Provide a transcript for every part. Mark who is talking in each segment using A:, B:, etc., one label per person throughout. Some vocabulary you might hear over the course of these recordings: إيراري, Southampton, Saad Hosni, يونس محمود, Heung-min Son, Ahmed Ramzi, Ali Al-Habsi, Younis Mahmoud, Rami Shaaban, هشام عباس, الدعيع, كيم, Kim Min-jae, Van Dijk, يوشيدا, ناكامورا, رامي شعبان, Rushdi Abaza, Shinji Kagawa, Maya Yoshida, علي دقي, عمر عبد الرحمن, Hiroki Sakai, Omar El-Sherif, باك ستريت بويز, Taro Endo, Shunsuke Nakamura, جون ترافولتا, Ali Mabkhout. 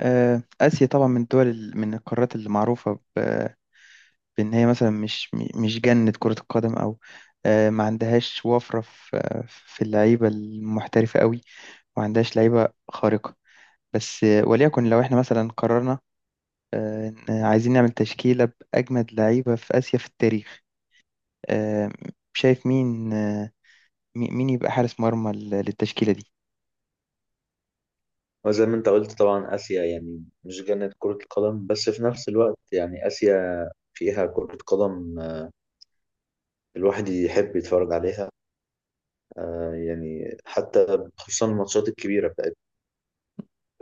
A: آسيا طبعا من الدول من القارات اللي معروفة بإن هي مثلا مش جنة كرة القدم أو ما عندهاش وفرة في اللعيبة المحترفة قوي، وما عندهاش لعيبة خارقة. بس وليكن لو احنا مثلا قررنا إن عايزين نعمل تشكيلة بأجمد لعيبة في آسيا في التاريخ، آه، شايف مين مين يبقى حارس مرمى للتشكيلة دي؟
B: وزي ما انت قلت طبعا آسيا يعني مش جنة كرة القدم، بس في نفس الوقت يعني آسيا فيها كرة قدم الواحد يحب يتفرج عليها. يعني حتى خصوصا الماتشات الكبيرة بتاعت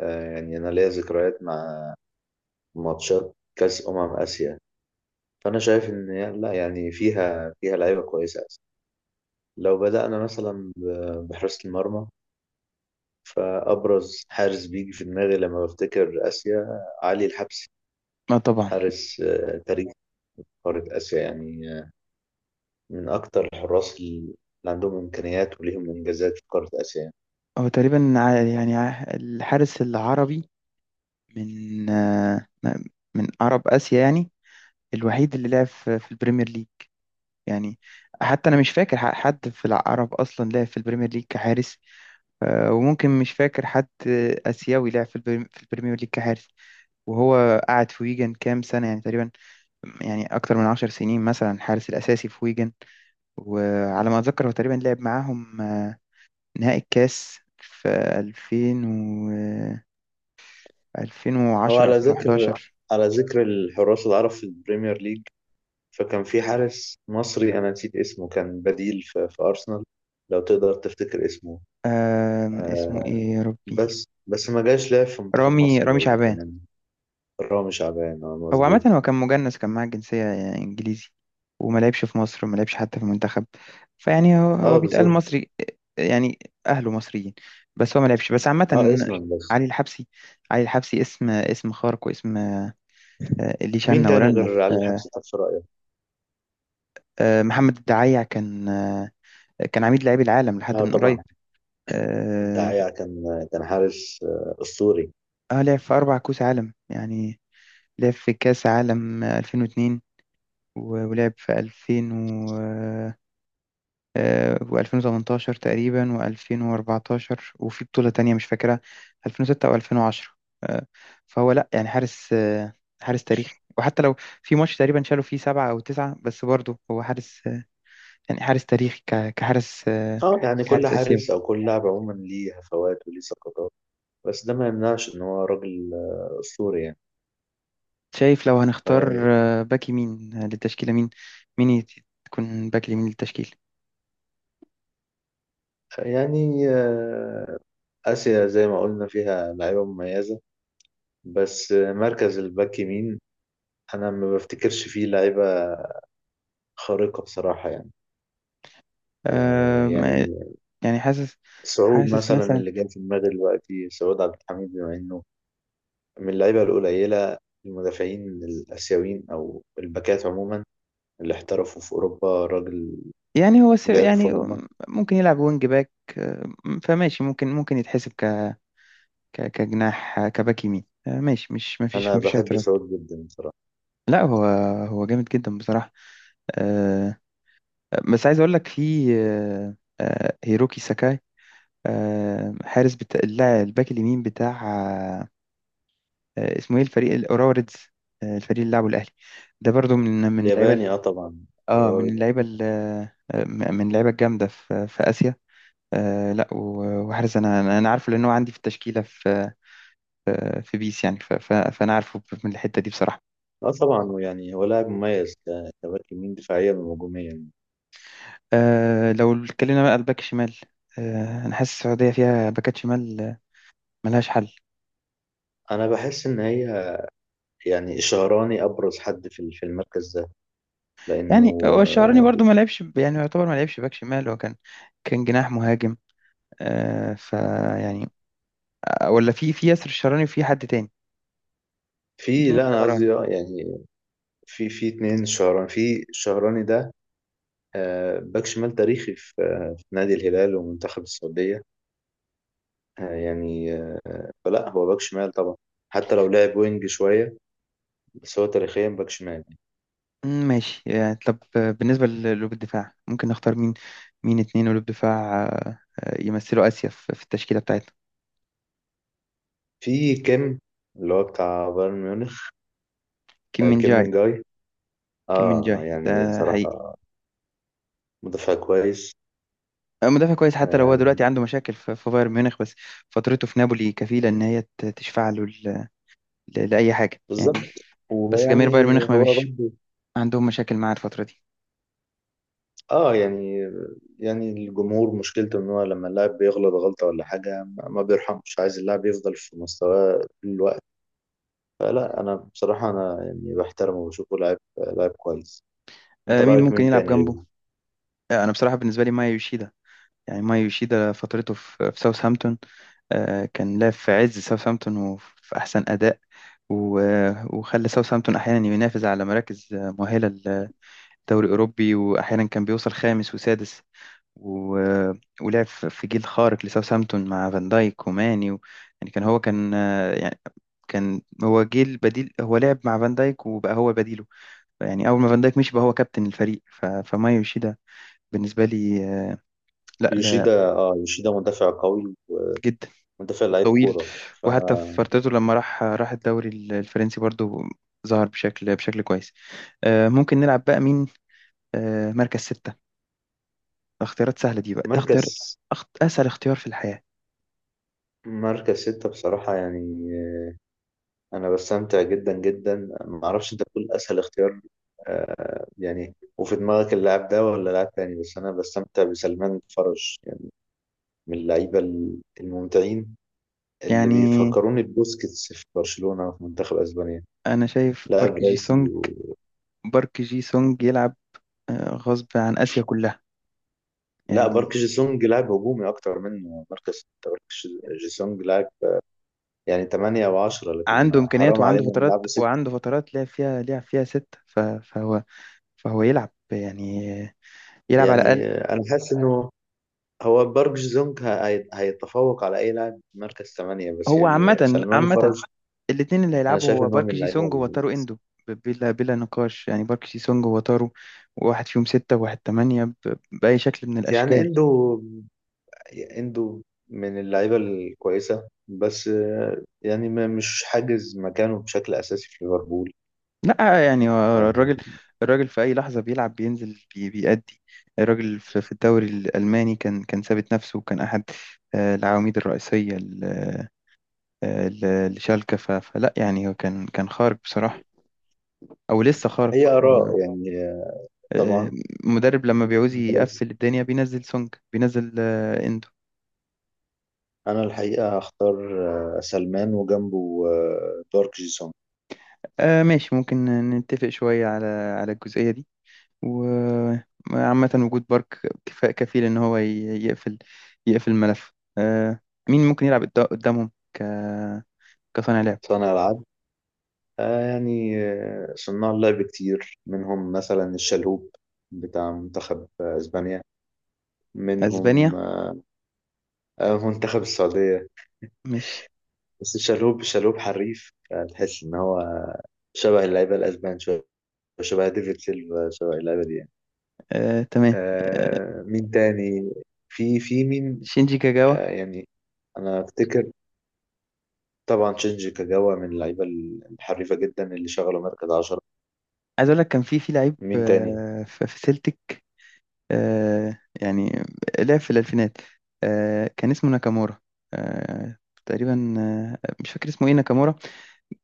B: يعني أنا ليا ذكريات مع ماتشات كأس أمم آسيا. فأنا شايف إن لا يعني فيها لعيبة كويسة آسيا. لو بدأنا مثلا بحراسة المرمى، فأبرز حارس بيجي في دماغي لما بفتكر آسيا علي الحبسي.
A: اه، طبعا.
B: حارس تاريخي، قارة آسيا يعني، من أكتر الحراس اللي عندهم إمكانيات وليهم إنجازات في قارة آسيا يعني.
A: هو تقريبا يعني الحارس العربي من آه، من عرب آسيا يعني، الوحيد اللي لعب في البريمير ليج. يعني حتى أنا مش فاكر حد في العرب أصلا لعب في البريمير ليج كحارس، وممكن مش فاكر حد آسيوي لعب في البريمير ليج كحارس. وهو قعد في ويجن كام سنة يعني، تقريبا يعني أكتر من 10 سنين مثلا حارس الأساسي في ويجن. وعلى ما أتذكر هو تقريبا لعب معاهم نهائي الكاس في 2000 و
B: هو
A: 2010
B: على ذكر
A: 2011.
B: على ذكر الحراس العرب في البريمير ليج، فكان في حارس مصري أنا نسيت اسمه، كان بديل في أرسنال. لو تقدر تفتكر اسمه.
A: اسمه
B: آه.
A: ايه يا ربي؟
B: بس ما جاش لعب في منتخب
A: رامي
B: مصر
A: رامي
B: برضه
A: شعبان.
B: يعني. رامي شعبان،
A: هو عامة
B: مظبوط.
A: هو كان مجنس، كان معاه الجنسية إنجليزي، وما لعبش في مصر وما لعبش حتى في المنتخب. فيعني هو
B: اه
A: بيتقال
B: بالظبط.
A: مصري يعني، أهله مصريين بس هو ما لعبش، بس عامة.
B: اه اسما بس.
A: علي الحبسي. اسم خارق واسم اللي
B: مين
A: شنا
B: تاني
A: ورنا
B: غير
A: في.
B: علي الحبس ده في رأيك؟
A: محمد الدعيع كان كان عميد لاعبي العالم لحد
B: اه
A: من قريب.
B: طبعا.
A: اه.
B: الدعيع كان، كان حارس أسطوري.
A: لعب في 4 كأس عالم يعني، لعب في كأس عالم 2002 و- ولعب في 2000، و2018 تقريبا و2014، وفي بطولة تانية مش فاكرها، 2006 او 2010. آه، فهو لا يعني حارس حارس تاريخي. وحتى لو في ماتش تقريبا شالوا فيه 7 او 9، بس برضه هو حارس يعني حارس تاريخي ك- كحارس آه،
B: اه يعني كل
A: كحارس اسيوي.
B: حارس او كل لاعب عموما ليه هفوات وليه سقطات، بس ده ما يمنعش ان هو راجل اسطوري يعني.
A: شايف لو هنختار باك يمين للتشكيلة، مين مين يت- تكون باك يمين للتشكيل؟
B: يعني اسيا زي ما قلنا فيها لعيبه مميزه، بس مركز الباك يمين انا ما بفتكرش فيه لعيبه خارقه بصراحه يعني.
A: آه، ما-
B: يعني
A: يعني حاسس،
B: سعود مثلا
A: مثلا
B: اللي جاي في دماغي دلوقتي، سعود عبد الحميد، بما انه من اللعيبه القليله، المدافعين الاسيويين او الباكات عموما اللي احترفوا في اوروبا. راجل
A: يعني
B: لعب في
A: يعني
B: روما.
A: ممكن يلعب وينج باك، آه، فماشي، ممكن يتحسب كجناح، كباك يمين، ماشي، مش ما فيش
B: انا
A: ما فيش
B: بحب
A: اعتراض.
B: سعود جدا بصراحه.
A: لا، هو جامد جدا بصراحة. آه، بس عايز اقول لك في هيروكي ساكاي، حارس بتاع اللاعب الباك اليمين بتاع اسمه ايه، الفريق الاوراوا ريدز، الفريق اللي لعبه الاهلي. ده برضو من اللعيبه ال-
B: الياباني اه طبعا.
A: اه من
B: إيراري
A: اللعيبه
B: مثلاً.
A: ال- آه، من اللعيبه الجامده في اسيا. لا، و- وحارس انا أنا عارفه لان هو عندي في التشكيله في بيس، يعني ف- ف- فانا عارفه من الحته دي بصراحه.
B: اه طبعا، ويعني هو لاعب مميز كباك يمين دفاعيا وهجوميا.
A: لو اتكلمنا بقى على الباك الشمال، انا حاسس السعوديه فيها باكات شمال ملهاش حل.
B: انا بحس ان هي يعني شهراني ابرز حد في المركز ده لانه
A: يعني هو الشعراني
B: آه،
A: برضو ما لعبش يعني يعتبر ما لعبش باك شمال، هو كان جناح مهاجم آه ف يعني، ولا في ياسر الشعراني وفي حد تاني، في
B: في،
A: اتنين.
B: لا انا قصدي يعني في، في اتنين شهراني، في شهراني ده باك شمال تاريخي في في نادي الهلال ومنتخب السعوديه، آه، يعني آه، فلا هو باك شمال طبعا، حتى لو لعب وينج شويه، بس هو تاريخيا باك شمال.
A: ماشي يعني، طب بالنسبة لقلوب الدفاع ممكن نختار مين؟ اتنين قلوب دفاع يمثلوا آسيا في التشكيلة بتاعتنا.
B: في كيم اللي هو بتاع بايرن ميونخ.
A: كيم من
B: كيم من
A: جاي
B: جاي،
A: كيم من
B: اه
A: جاي
B: يعني
A: ده حقيقي،
B: بصراحة مدافع كويس.
A: مدافع كويس، حتى لو هو دلوقتي
B: آه
A: عنده مشاكل في بايرن ميونخ، بس فترته في نابولي كفيلة إن هي تشفع له ل- ل- لأي حاجة يعني.
B: بالظبط.
A: بس جماهير بايرن
B: ويعني
A: ميونخ ما
B: هو
A: بيش
B: برضه.
A: عندهم مشاكل معاه الفترة دي.
B: اه يعني، يعني الجمهور مشكلته ان هو لما اللاعب بيغلط غلطة ولا حاجة ما بيرحمش، عايز اللاعب يفضل في مستواه طول الوقت. فلا انا بصراحة انا يعني بحترمه وبشوفه لاعب، لاعب كويس. انت
A: مين
B: رأيك
A: ممكن
B: مين
A: يلعب
B: تاني غيره؟
A: جنبه؟ أنا بصراحة بالنسبة لي مايا يوشيدا. يعني مايا يوشيدا فترته في ساوثهامبتون، كان لاعب في عز ساوثهامبتون وفي أحسن أداء، و- وخلى ساوثهامبتون أحيانا ينافس على مراكز مؤهلة للدوري الأوروبي، وأحيانا كان بيوصل خامس وسادس، و- ولعب في جيل خارق لساوثهامبتون مع فان دايك وماني و... يعني يعني كان هو جيل بديل، هو لعب مع فان دايك وبقى هو بديله. يعني أول ما فان دايك مشي بقى هو كابتن الفريق، ف... فمايو يوشيدا بالنسبة لي لا، لا،
B: يوشيدا، اه يوشيدا مدافع قوي،
A: جدا،
B: مدافع لعيب
A: طويل.
B: كورة.
A: وحتى في
B: فانا
A: فترته لما راح الدوري الفرنسي برضو ظهر بشكل كويس. ممكن نلعب بقى مين مركز ستة؟ ده اختيارات سهلة دي، بقى ده اختيار
B: مركز
A: أسهل اختيار في الحياة.
B: مركز ستة بصراحة يعني أنا بستمتع جدا جدا، معرفش أنت بتقول أسهل اختيار. يعني وفي دماغك اللاعب ده ولا لاعب تاني، بس أنا بستمتع بسلمان فرج يعني، من اللعيبة الممتعين اللي
A: يعني
B: بيفكروني ببوسكيتس في برشلونة في منتخب أسبانيا.
A: أنا شايف
B: لاعب راسي و...
A: بارك جي سونج يلعب غصب عن آسيا كلها،
B: لا
A: يعني
B: بارك جيسونج لاعب هجومي أكتر منه مركز ستة. بارك جيسونج لاعب يعني تمانية أو عشرة، لكن
A: عنده إمكانيات
B: حرام
A: وعنده
B: علينا
A: فترات،
B: نلعبه ستة.
A: لعب فيها، ستة، ف... فهو يلعب يعني يلعب على
B: يعني
A: الأقل.
B: أنا حاسس إنه هو بارك جي سونج هيتفوق على اي لاعب في مركز ثمانية، بس
A: هو
B: يعني
A: عامة،
B: سلمان فرج.
A: الاتنين اللي
B: انا
A: هيلعبوا
B: شايف
A: هو
B: ان هو
A: بارك جي سونج وتارو إندو، بلا نقاش يعني. بارك جي سونج وتارو، واحد فيهم ستة وواحد تمانية، ب... بأي شكل من
B: يعني
A: الأشكال.
B: عنده من اللعيبه الكويسه، بس يعني مش حاجز مكانه بشكل اساسي في ليفربول.
A: لا يعني هو
B: آه،
A: الراجل، في اي لحظه بيلعب بينزل بيأدي. الراجل في الدوري الالماني كان ثابت نفسه، وكان احد العواميد الرئيسيه ل- آه، ل- لشالكه، ف- فلا يعني هو كان خارق بصراحه، او لسه خارق.
B: هي اراء يعني،
A: آه،
B: طبعا.
A: مدرب لما بيعوز
B: بس
A: يقفل الدنيا بينزل سونج، بينزل اندو.
B: انا الحقيقه هختار سلمان وجنبه بارك جي سونج.
A: ماشي، ممكن نتفق شويه على الجزئيه دي. وعامة وجود بارك كفاء كفيل إن هو يقفل يقفل الملف. آه، مين ممكن يلعب قدامهم ك... كصانع لعب؟
B: صانع العاب، آه يعني صناع لعب كتير منهم مثلا الشلهوب بتاع منتخب اسبانيا، منهم
A: أسبانيا،
B: منتخب السعودية.
A: ماشي.
B: بس الشلهوب، الشلهوب حريف، تحس ان هو شبه اللعيبة الاسبان شوية، شبه ديفيد سيلفا، شبه اللعيبة دي يعني.
A: تمام. آه،
B: آه مين تاني، في في مين.
A: شينجي كاجاوا.
B: آه يعني انا افتكر طبعا تشينجي كاجاوا من اللعيبة الحريفة جدا اللي شغلوا مركز عشرة.
A: عايز أقول لك كان في لعيب
B: مين تاني.
A: في سيلتيك، يعني لعب في الألفينات، كان اسمه ناكامورا آه، تقريبا. مش فاكر اسمه إيه، ناكامورا.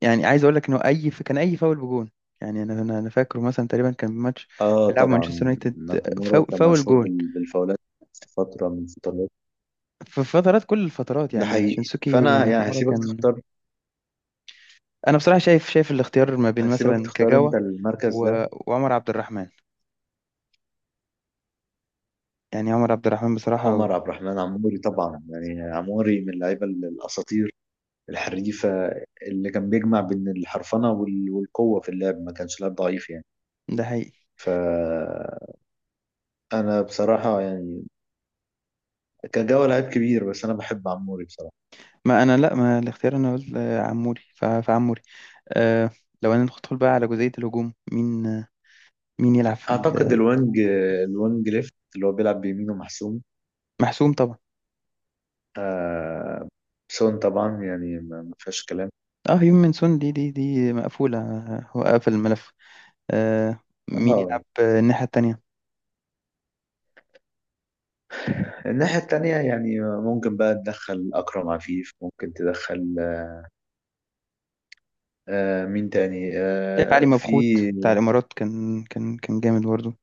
A: يعني عايز اقول لك انه اي، كان اي فاول بجون. يعني انا أنا فاكره مثلا تقريبا كان ماتش
B: اه
A: بيلعب مانشستر
B: طبعا
A: يونايتد،
B: ناكامورا
A: فاول,
B: كان
A: فاول
B: مشهور
A: جون.
B: بالفاولات في فترة من فترات.
A: في فترات، كل الفترات
B: ده
A: يعني
B: حقيقي،
A: شينسوكي
B: فانا يعني
A: ناكامورا
B: هسيبك
A: كان.
B: تختار،
A: انا بصراحه شايف، الاختيار ما بين
B: هسيبك
A: مثلا
B: تختار
A: كاجاوا
B: انت المركز
A: و...
B: ده.
A: وعمر عبد الرحمن، يعني عمر عبد الرحمن بصراحه.
B: عمر عبد الرحمن عموري طبعا، يعني عموري من اللعيبة الاساطير الحريفة، اللي كان بيجمع بين الحرفنة والقوة في اللعب، ما كانش لاعب ضعيف يعني.
A: ده حقيقي.
B: ف انا بصراحة يعني كان جوه لعيب كبير، بس انا بحب عموري بصراحة.
A: ما انا لا، ما الاختيار انا قلت عموري، ف... فعموري. أه. لو انا ندخل بقى على جزئيه الهجوم، مين مين يلعب في
B: اعتقد الوينج، الوينج ليفت اللي هو بيلعب بيمينه محسوم.
A: محسوم طبعا.
B: آه سون طبعا، يعني ما فيهاش كلام.
A: اه، هيومن سون دي، مقفوله، هو قفل الملف. آه مين يلعب
B: اه
A: الناحية التانية؟
B: الناحية التانية يعني ممكن بقى تدخل أكرم عفيف، ممكن تدخل آه مين تاني،
A: شايف علي
B: آه في
A: مبخوت بتاع الإمارات، كان جامد برضه.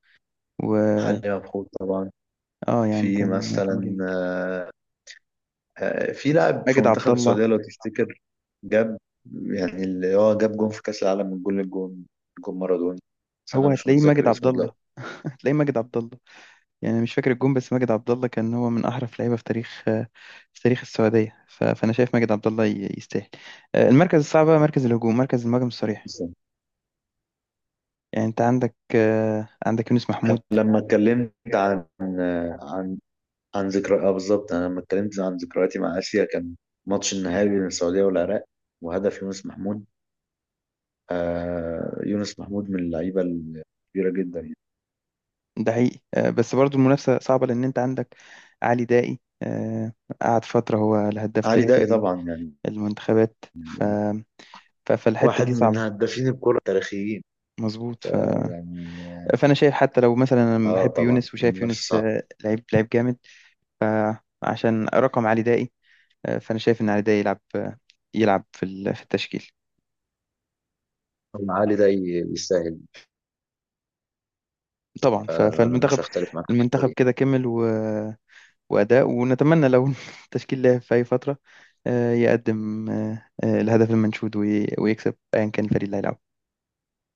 A: و
B: علي مبخوت طبعا.
A: اه، يعني
B: في
A: كان
B: مثلا
A: جامد.
B: في لاعب في
A: ماجد عبد
B: منتخب
A: الله.
B: السعودية لو تفتكر جاب، يعني اللي هو جاب جون في كأس العالم من جول الجون، جون مارادوني، بس أنا
A: هو
B: مش
A: هتلاقيه ماجد
B: متذكر
A: عبد
B: اسمه دلوقتي.
A: الله، هتلاقيه ماجد عبد الله. يعني مش فاكر الجون، بس ماجد عبد الله كان هو من أحرف لعيبة في تاريخ في تاريخ السعودية، ف... فأنا شايف ماجد عبد الله يستاهل. المركز الصعب بقى مركز الهجوم، مركز المهاجم الصريح. يعني أنت عندك عندك يونس محمود.
B: لما اتكلمت عن، عن ذكرى، اه بالظبط، انا لما اتكلمت عن ذكرياتي مع اسيا كان ماتش النهائي بين السعوديه والعراق وهدف يونس محمود. آه يونس محمود من اللعيبه الكبيره جدا يعني.
A: ده حقيقي، بس برضو المنافسة صعبة، لأن أنت عندك علي دائي قعد فترة هو الهداف
B: علي
A: تاريخ
B: دقي طبعا، يعني
A: المنتخبات، ف... ف- فالحتة
B: واحد
A: دي
B: من
A: صعبة.
B: هدافين الكره التاريخيين
A: مظبوط، ف...
B: يعني.
A: فأنا شايف، حتى لو مثلا أنا
B: اه
A: بحب
B: طبعا
A: يونس وشايف يونس
B: المنافسه
A: لعيب جامد، عشان رقم علي دائي، فأنا شايف إن علي دائي يلعب يلعب في التشكيل.
B: صعبه، علي دقي يستاهل.
A: طبعا، ف...
B: فعلا انا مش
A: فالمنتخب
B: هختلف معاك في الحته دي.
A: كده كمل و... وأداء، ونتمنى لو التشكيل لعب في أي فترة يقدم الهدف المنشود وي- ويكسب أيا كان الفريق اللي هيلعب.